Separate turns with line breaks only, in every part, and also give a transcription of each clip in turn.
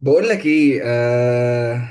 بقول لك ايه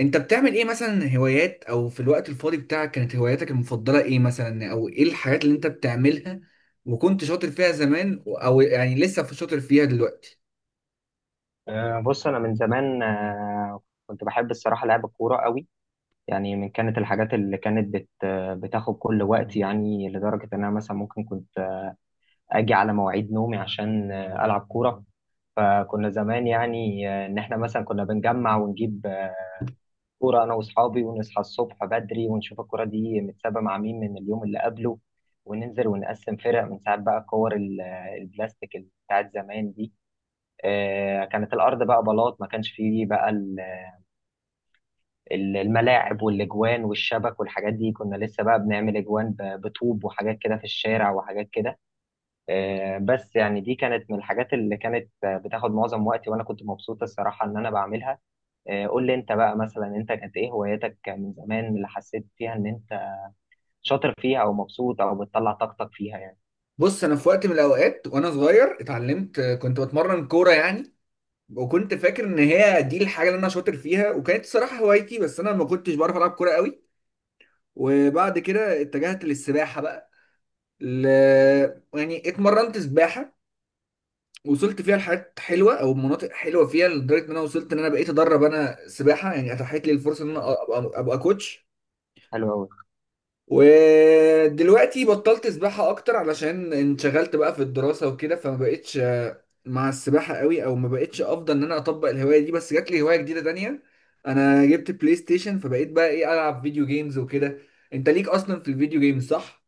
انت بتعمل ايه مثلا؟ هوايات او في الوقت الفاضي بتاعك، كانت هواياتك المفضلة ايه مثلا؟ او ايه الحاجات اللي انت بتعملها وكنت شاطر فيها زمان، او يعني لسه في شاطر فيها دلوقتي؟
بص انا من زمان، كنت بحب الصراحه لعب الكوره قوي. يعني من كانت الحاجات اللي كانت بت أه، بتاخد كل وقت، يعني لدرجه ان انا مثلا ممكن كنت اجي على مواعيد نومي عشان العب كوره. فكنا زمان يعني، ان احنا مثلا كنا بنجمع ونجيب كوره انا واصحابي، ونصحى الصبح بدري ونشوف الكوره دي متسابه مع مين من اليوم اللي قبله، وننزل ونقسم فرق من ساعات. بقى كور البلاستيك اللي بتاعت زمان دي. كانت الارض بقى بلاط، ما كانش فيه بقى الملاعب والاجوان والشبك والحاجات دي. كنا لسه بقى بنعمل اجوان بطوب وحاجات كده في الشارع وحاجات كده. بس يعني دي كانت من الحاجات اللي كانت بتاخد معظم وقتي، وانا كنت مبسوط الصراحة ان انا بعملها. قول لي انت بقى، مثلا انت كانت ايه هواياتك من زمان اللي حسيت فيها ان انت شاطر فيها او مبسوط او بتطلع طاقتك فيها يعني.
بص، انا في وقت من الاوقات وانا صغير اتعلمت، كنت بتمرن كورة يعني، وكنت فاكر ان هي دي الحاجة اللي انا شاطر فيها وكانت صراحة هوايتي. بس انا ما كنتش بعرف العب كورة قوي، وبعد كده اتجهت للسباحة بقى. ل... يعني اتمرنت سباحة، وصلت فيها لحاجات حلوه او مناطق حلوه فيها، لدرجه ان انا وصلت ان انا بقيت ادرب انا سباحه. يعني اتاحت لي الفرصه ان انا
مم.
أبقى كوتش.
حلو قوي.
ودلوقتي بطلت سباحه اكتر علشان انشغلت بقى في الدراسه وكده، فما بقتش مع السباحه قوي، او ما بقتش افضل ان انا اطبق الهوايه دي، بس جات لي هوايه جديده تانية. انا جبت بلاي ستيشن، فبقيت بقى ايه، العب فيديو جيمز وكده. انت ليك اصلا في الفيديو جيمز، صح؟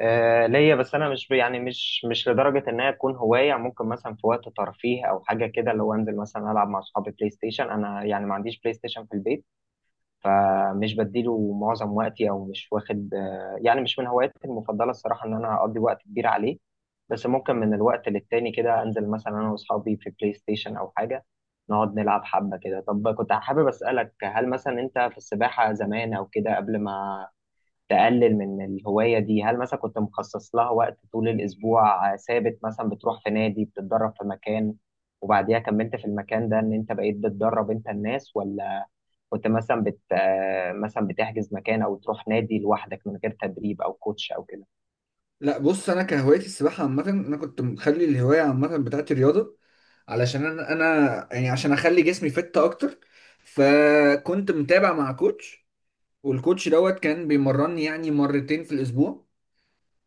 ليا، بس انا مش ب- يعني مش لدرجه انها تكون هوايه. ممكن مثلا في وقت ترفيه او حاجه كده، اللي هو انزل مثلا العب مع اصحابي بلاي ستيشن. انا يعني ما عنديش بلاي ستيشن في البيت، فمش بديله معظم وقتي، او مش واخد يعني مش من هواياتي المفضله الصراحه ان انا اقضي وقت كبير عليه. بس ممكن من الوقت للتاني كده انزل مثلا انا واصحابي في بلاي ستيشن او حاجه، نقعد نلعب حبه كده. طب كنت حابب اسالك، هل مثلا انت في السباحه زمان او كده قبل ما تقلل من الهواية دي، هل مثلا كنت مخصص لها وقت طول الأسبوع ثابت، مثلا بتروح في نادي بتتدرب في مكان، وبعديها كملت في المكان ده إن أنت بقيت بتدرب أنت الناس؟ ولا كنت مثلا بت آه، مثلا بتحجز مكان أو تروح نادي لوحدك من غير تدريب أو كوتش أو كده؟
لا بص، انا كان هوايتي السباحه عامه، انا كنت مخلي الهوايه عامه بتاعتي رياضه، علشان انا يعني عشان اخلي جسمي فت اكتر. فكنت متابع مع كوتش، والكوتش دوت كان بيمرني يعني مرتين في الاسبوع.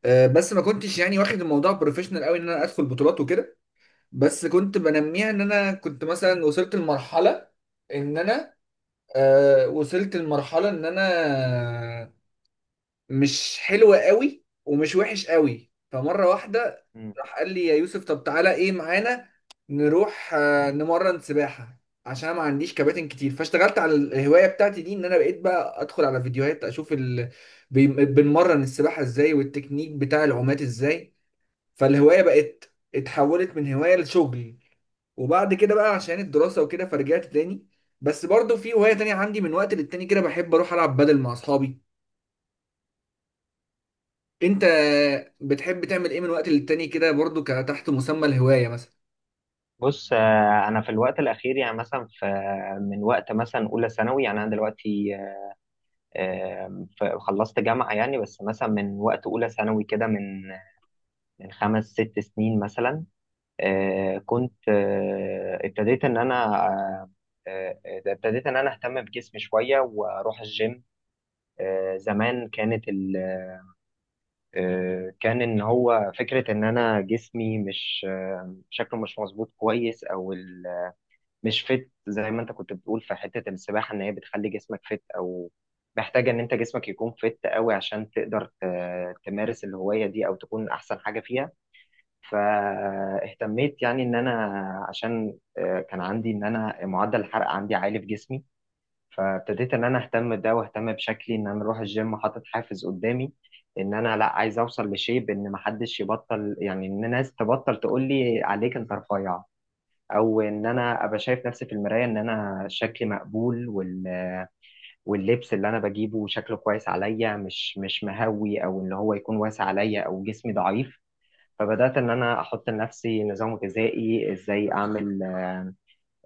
بس ما كنتش يعني واخد الموضوع بروفيشنال قوي ان انا ادخل بطولات وكده، بس كنت بنميها. ان انا كنت مثلا وصلت لمرحله ان انا، وصلت لمرحله ان انا مش حلو قوي ومش وحش قوي. فمره واحده
مم.
راح قال لي: يا يوسف، طب تعالى ايه معانا نروح نمرن سباحه عشان أنا ما عنديش كباتن كتير. فاشتغلت على الهوايه بتاعتي دي، ان انا بقيت بقى ادخل على فيديوهات اشوف بنمرن السباحه ازاي والتكنيك بتاع العومات ازاي. فالهوايه بقت اتحولت من هوايه لشغل، وبعد كده بقى عشان الدراسة وكده فرجعت تاني. بس برضو في هواية تانية عندي، من وقت للتاني كده بحب أروح ألعب بدل مع أصحابي. انت بتحب تعمل ايه من وقت للتاني كده برضو، كتحت مسمى الهواية مثلا؟
بص، أنا في الوقت الأخير يعني مثلا في، من وقت مثلا أولى ثانوي، يعني أنا دلوقتي خلصت جامعة يعني، بس مثلا من وقت أولى ثانوي كده، من 5 6 سنين مثلا. آه، كنت آه، ابتديت ان انا اهتم بجسمي شويه واروح الجيم. زمان كانت ال... آه، كان ان هو فكره ان انا جسمي مش آه، شكله مش مظبوط كويس، او مش فت زي ما انت كنت بتقول في حته السباحه، ان هي بتخلي جسمك فت، او محتاجه ان انت جسمك يكون فت قوي عشان تقدر تمارس الهوايه دي او تكون احسن حاجه فيها. فاهتميت يعني ان انا، عشان كان عندي ان انا معدل الحرق عندي عالي في جسمي، فابتديت ان انا اهتم بده واهتم بشكلي، ان انا اروح الجيم حاطط حافز قدامي ان انا لا، عايز اوصل لشيب ان محدش يبطل، يعني ان الناس تبطل تقول لي عليك انت رفيع، او ان انا ابقى شايف نفسي في المرايه ان انا شكلي مقبول، واللبس اللي انا بجيبه شكله كويس عليا، مش مهوي او ان هو يكون واسع عليا او جسمي ضعيف. فبدأت إن أنا أحط لنفسي نظام غذائي، إزاي أعمل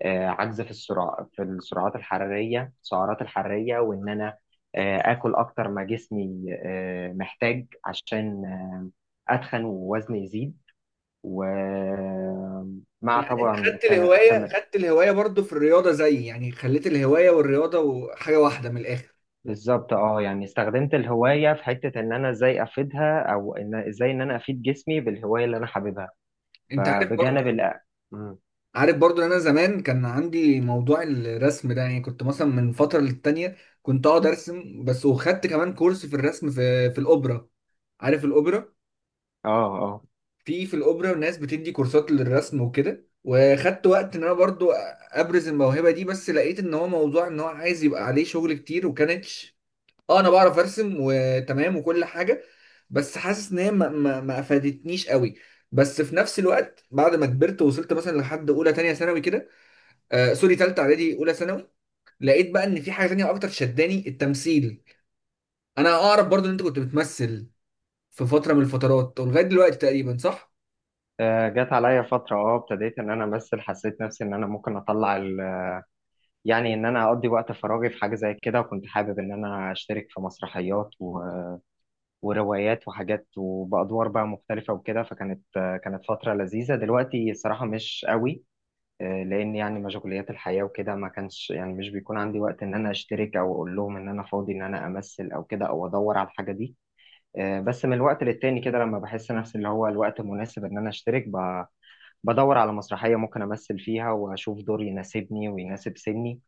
عجز في السعرات الحرارية وإن أنا آكل أكتر ما جسمي محتاج عشان أتخن ووزني يزيد، ومع
يعني انت
طبعا
خدت الهواية
التمرين.
خدت الهواية برضو في الرياضة زي، يعني خليت الهواية والرياضة وحاجة واحدة من الاخر.
بالظبط، اه، يعني استخدمت الهواية في حتة إن أنا إزاي أفيدها، أو إزاي إن أنا أفيد جسمي بالهواية اللي أنا حاببها.
انت عارف
فبجانب
برضو،
مم.
عارف برضو ان انا زمان كان عندي موضوع الرسم ده، يعني كنت مثلا من فترة للتانية كنت اقعد ارسم بس، وخدت كمان كورس في الرسم في الاوبرا. عارف الاوبرا؟
اه. آه.
في الاوبرا ناس بتدي كورسات للرسم وكده، وخدت وقت ان انا برضو ابرز الموهبه دي، بس لقيت ان هو موضوع ان هو عايز يبقى عليه شغل كتير وكانتش. اه انا بعرف ارسم وتمام وكل حاجه، بس حاسس ان هي ما افادتنيش قوي. بس في نفس الوقت بعد ما كبرت وصلت مثلا لحد اولى تانية ثانوي كده، سوري، تالتة اعدادي اولى ثانوي، لقيت بقى ان في حاجه تانية اكتر شداني، التمثيل. انا اعرف برضو ان انت كنت بتمثل في فتره من الفترات ولغايه دلوقتي تقريبا، صح؟
جت عليا فترة، ابتديت ان انا امثل، حسيت نفسي ان انا ممكن اطلع يعني ان انا اقضي وقت فراغي في حاجة زي كده، وكنت حابب ان انا اشترك في مسرحيات وروايات وحاجات وبأدوار بقى مختلفة وكده. فكانت آه، كانت فترة لذيذة. دلوقتي الصراحة مش قوي، لان يعني مشغوليات الحياة وكده، ما كانش يعني مش بيكون عندي وقت ان انا اشترك او اقول لهم ان انا فاضي ان انا امثل او كده او ادور على الحاجة دي. بس من الوقت للتاني كده لما بحس نفسي اللي هو الوقت مناسب ان انا اشترك بدور على مسرحية ممكن أمثل فيها وأشوف دور يناسبني ويناسب سني،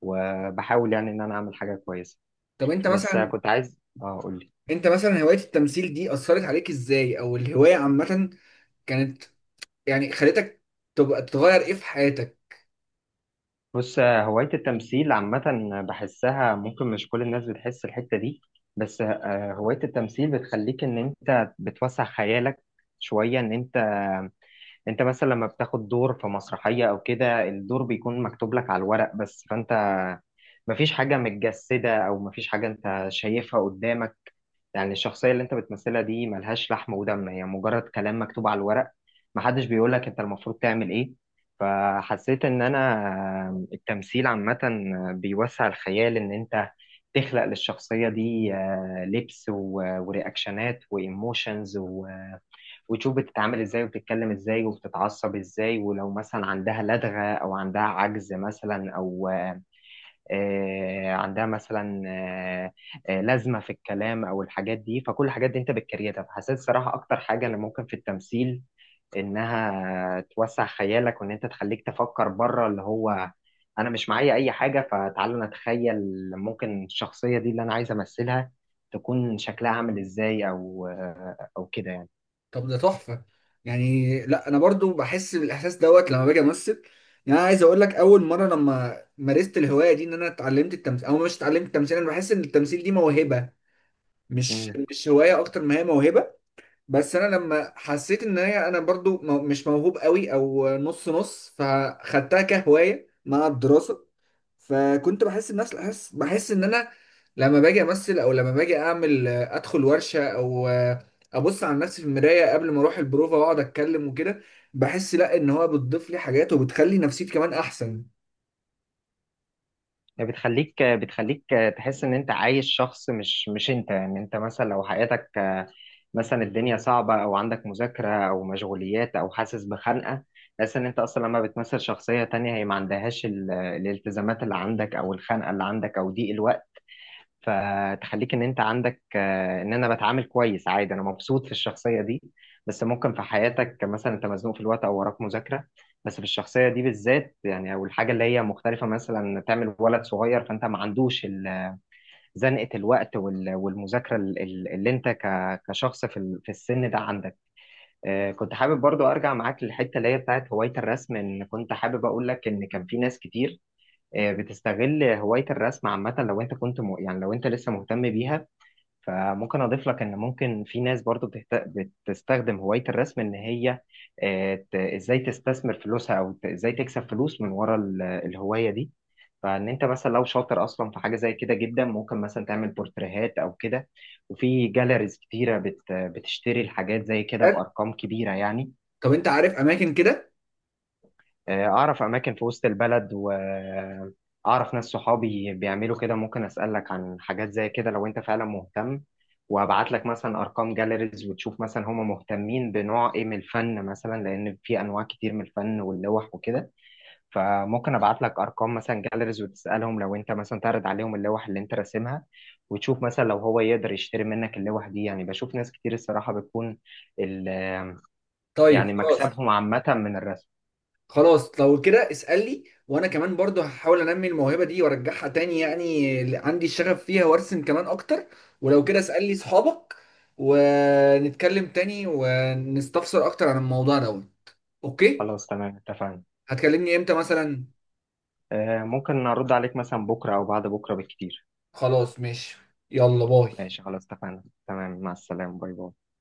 وبحاول يعني إن أنا أعمل حاجة كويسة.
طب انت
بس
مثلا،
كنت عايز أقولي.
انت مثلا هواية التمثيل دي اثرت عليك ازاي؟ او الهواية عامة كانت، يعني خلتك تبقى تغير ايه في حياتك؟
بص، هواية التمثيل عامة بحسها ممكن مش كل الناس بتحس الحتة دي. بس هواية التمثيل بتخليك إن أنت بتوسع خيالك شوية. إن أنت مثلا لما بتاخد دور في مسرحية أو كده، الدور بيكون مكتوب لك على الورق بس، فأنت مفيش حاجة متجسدة أو مفيش حاجة أنت شايفها قدامك. يعني الشخصية اللي انت بتمثلها دي ملهاش لحم ودم، هي مجرد كلام مكتوب على الورق، محدش بيقولك انت المفروض تعمل ايه. فحسيت ان انا التمثيل عامة بيوسع الخيال، ان انت تخلق للشخصية دي لبس ورياكشنات وايموشنز، وتشوف بتتعامل ازاي وبتتكلم ازاي وبتتعصب ازاي، ولو مثلا عندها لدغة او عندها عجز مثلا، او عندها مثلا لازمه في الكلام او الحاجات دي. فكل الحاجات دي انت بتكريتها. فحسيت الصراحه اكتر حاجه اللي ممكن في التمثيل انها توسع خيالك، وان انت تخليك تفكر بره، اللي هو انا مش معايا اي حاجه فتعالى انا اتخيل ممكن الشخصيه دي اللي انا عايز امثلها تكون شكلها عامل ازاي، او كده يعني.
طب ده تحفة، يعني لا انا برضو بحس بالاحساس دوت لما باجي امثل. يعني انا عايز اقول لك، اول مرة لما مارست الهواية دي ان انا اتعلمت التمثيل او مش اتعلمت التمثيل، انا بحس ان التمثيل دي موهبة، مش
امم.
مش هواية، اكتر ما هي موهبة. بس انا لما حسيت ان هي انا برضو مش موهوب قوي او نص نص، فخدتها كهوايه مع الدراسه. فكنت بحس بنفس الاحساس، بحس ان انا لما باجي امثل، او لما باجي اعمل ادخل ورشه، او ابص على نفسي في المرايه قبل ما اروح البروفه واقعد اتكلم وكده، بحس لا ان هو بتضيف لي حاجات وبتخلي نفسيتي كمان احسن.
بتخليك تحس ان انت عايش شخص مش انت. يعني انت مثلا لو حياتك، مثلا الدنيا صعبة أو عندك مذاكرة أو مشغوليات أو حاسس بخنقة، تحس إن أنت أصلا لما بتمثل شخصية تانية هي ما عندهاش الالتزامات اللي عندك أو الخنقة اللي عندك أو ضيق الوقت. فتخليك إن أنت عندك إن أنا بتعامل كويس عادي، أنا مبسوط في الشخصية دي. بس ممكن في حياتك مثلا أنت مزنوق في الوقت أو وراك مذاكرة، بس في الشخصية دي بالذات يعني، أو الحاجة اللي هي مختلفة مثلا تعمل ولد صغير، فأنت ما عندوش زنقة الوقت والمذاكرة اللي انت كشخص في في السن ده عندك. كنت حابب برضو ارجع معاك للحتة اللي هي بتاعت هواية الرسم، ان كنت حابب اقول لك ان كان في ناس كتير بتستغل هواية الرسم عامة. لو انت كنت يعني لو انت لسه مهتم بيها، فممكن اضيف لك ان ممكن في ناس برضو بتستخدم هواية الرسم ان هي ازاي تستثمر فلوسها، او ازاي تكسب فلوس من ورا الهواية دي. فان انت مثلا لو شاطر اصلا في حاجة زي كده جدا، ممكن مثلا تعمل بورتريهات او كده، وفي جاليريز كتيرة بتشتري الحاجات زي كده بارقام كبيرة يعني.
طب انت عارف اماكن كده؟
أعرف أماكن في وسط البلد، وأعرف ناس صحابي بيعملوا كده، ممكن أسألك عن حاجات زي كده لو أنت فعلا مهتم، وأبعت لك مثلا أرقام جاليريز، وتشوف مثلا هم مهتمين بنوع إيه من الفن مثلا، لأن في أنواع كتير من الفن واللوح وكده. فممكن أبعت لك أرقام مثلا جاليريز، وتسألهم لو أنت مثلا تعرض عليهم اللوح اللي أنت راسمها، وتشوف مثلا لو هو يقدر يشتري منك اللوح دي. يعني بشوف ناس كتير الصراحة بتكون ال-
طيب
يعني
خلاص.
مكسبهم عامة من الرسم.
خلاص لو كده اسألني، وانا كمان برضو هحاول انمي الموهبة دي وارجعها تاني، يعني عندي الشغف فيها وارسم كمان اكتر. ولو كده اسألني صحابك، ونتكلم تاني ونستفسر اكتر عن الموضوع ده. اوكي،
خلاص تمام اتفقنا.
هتكلمني امتى مثلا؟
ممكن ارد عليك مثلا بكره او بعد بكره بالكتير.
خلاص ماشي، يلا باي.
ماشي خلاص اتفقنا تمام، مع السلامه. باي باي.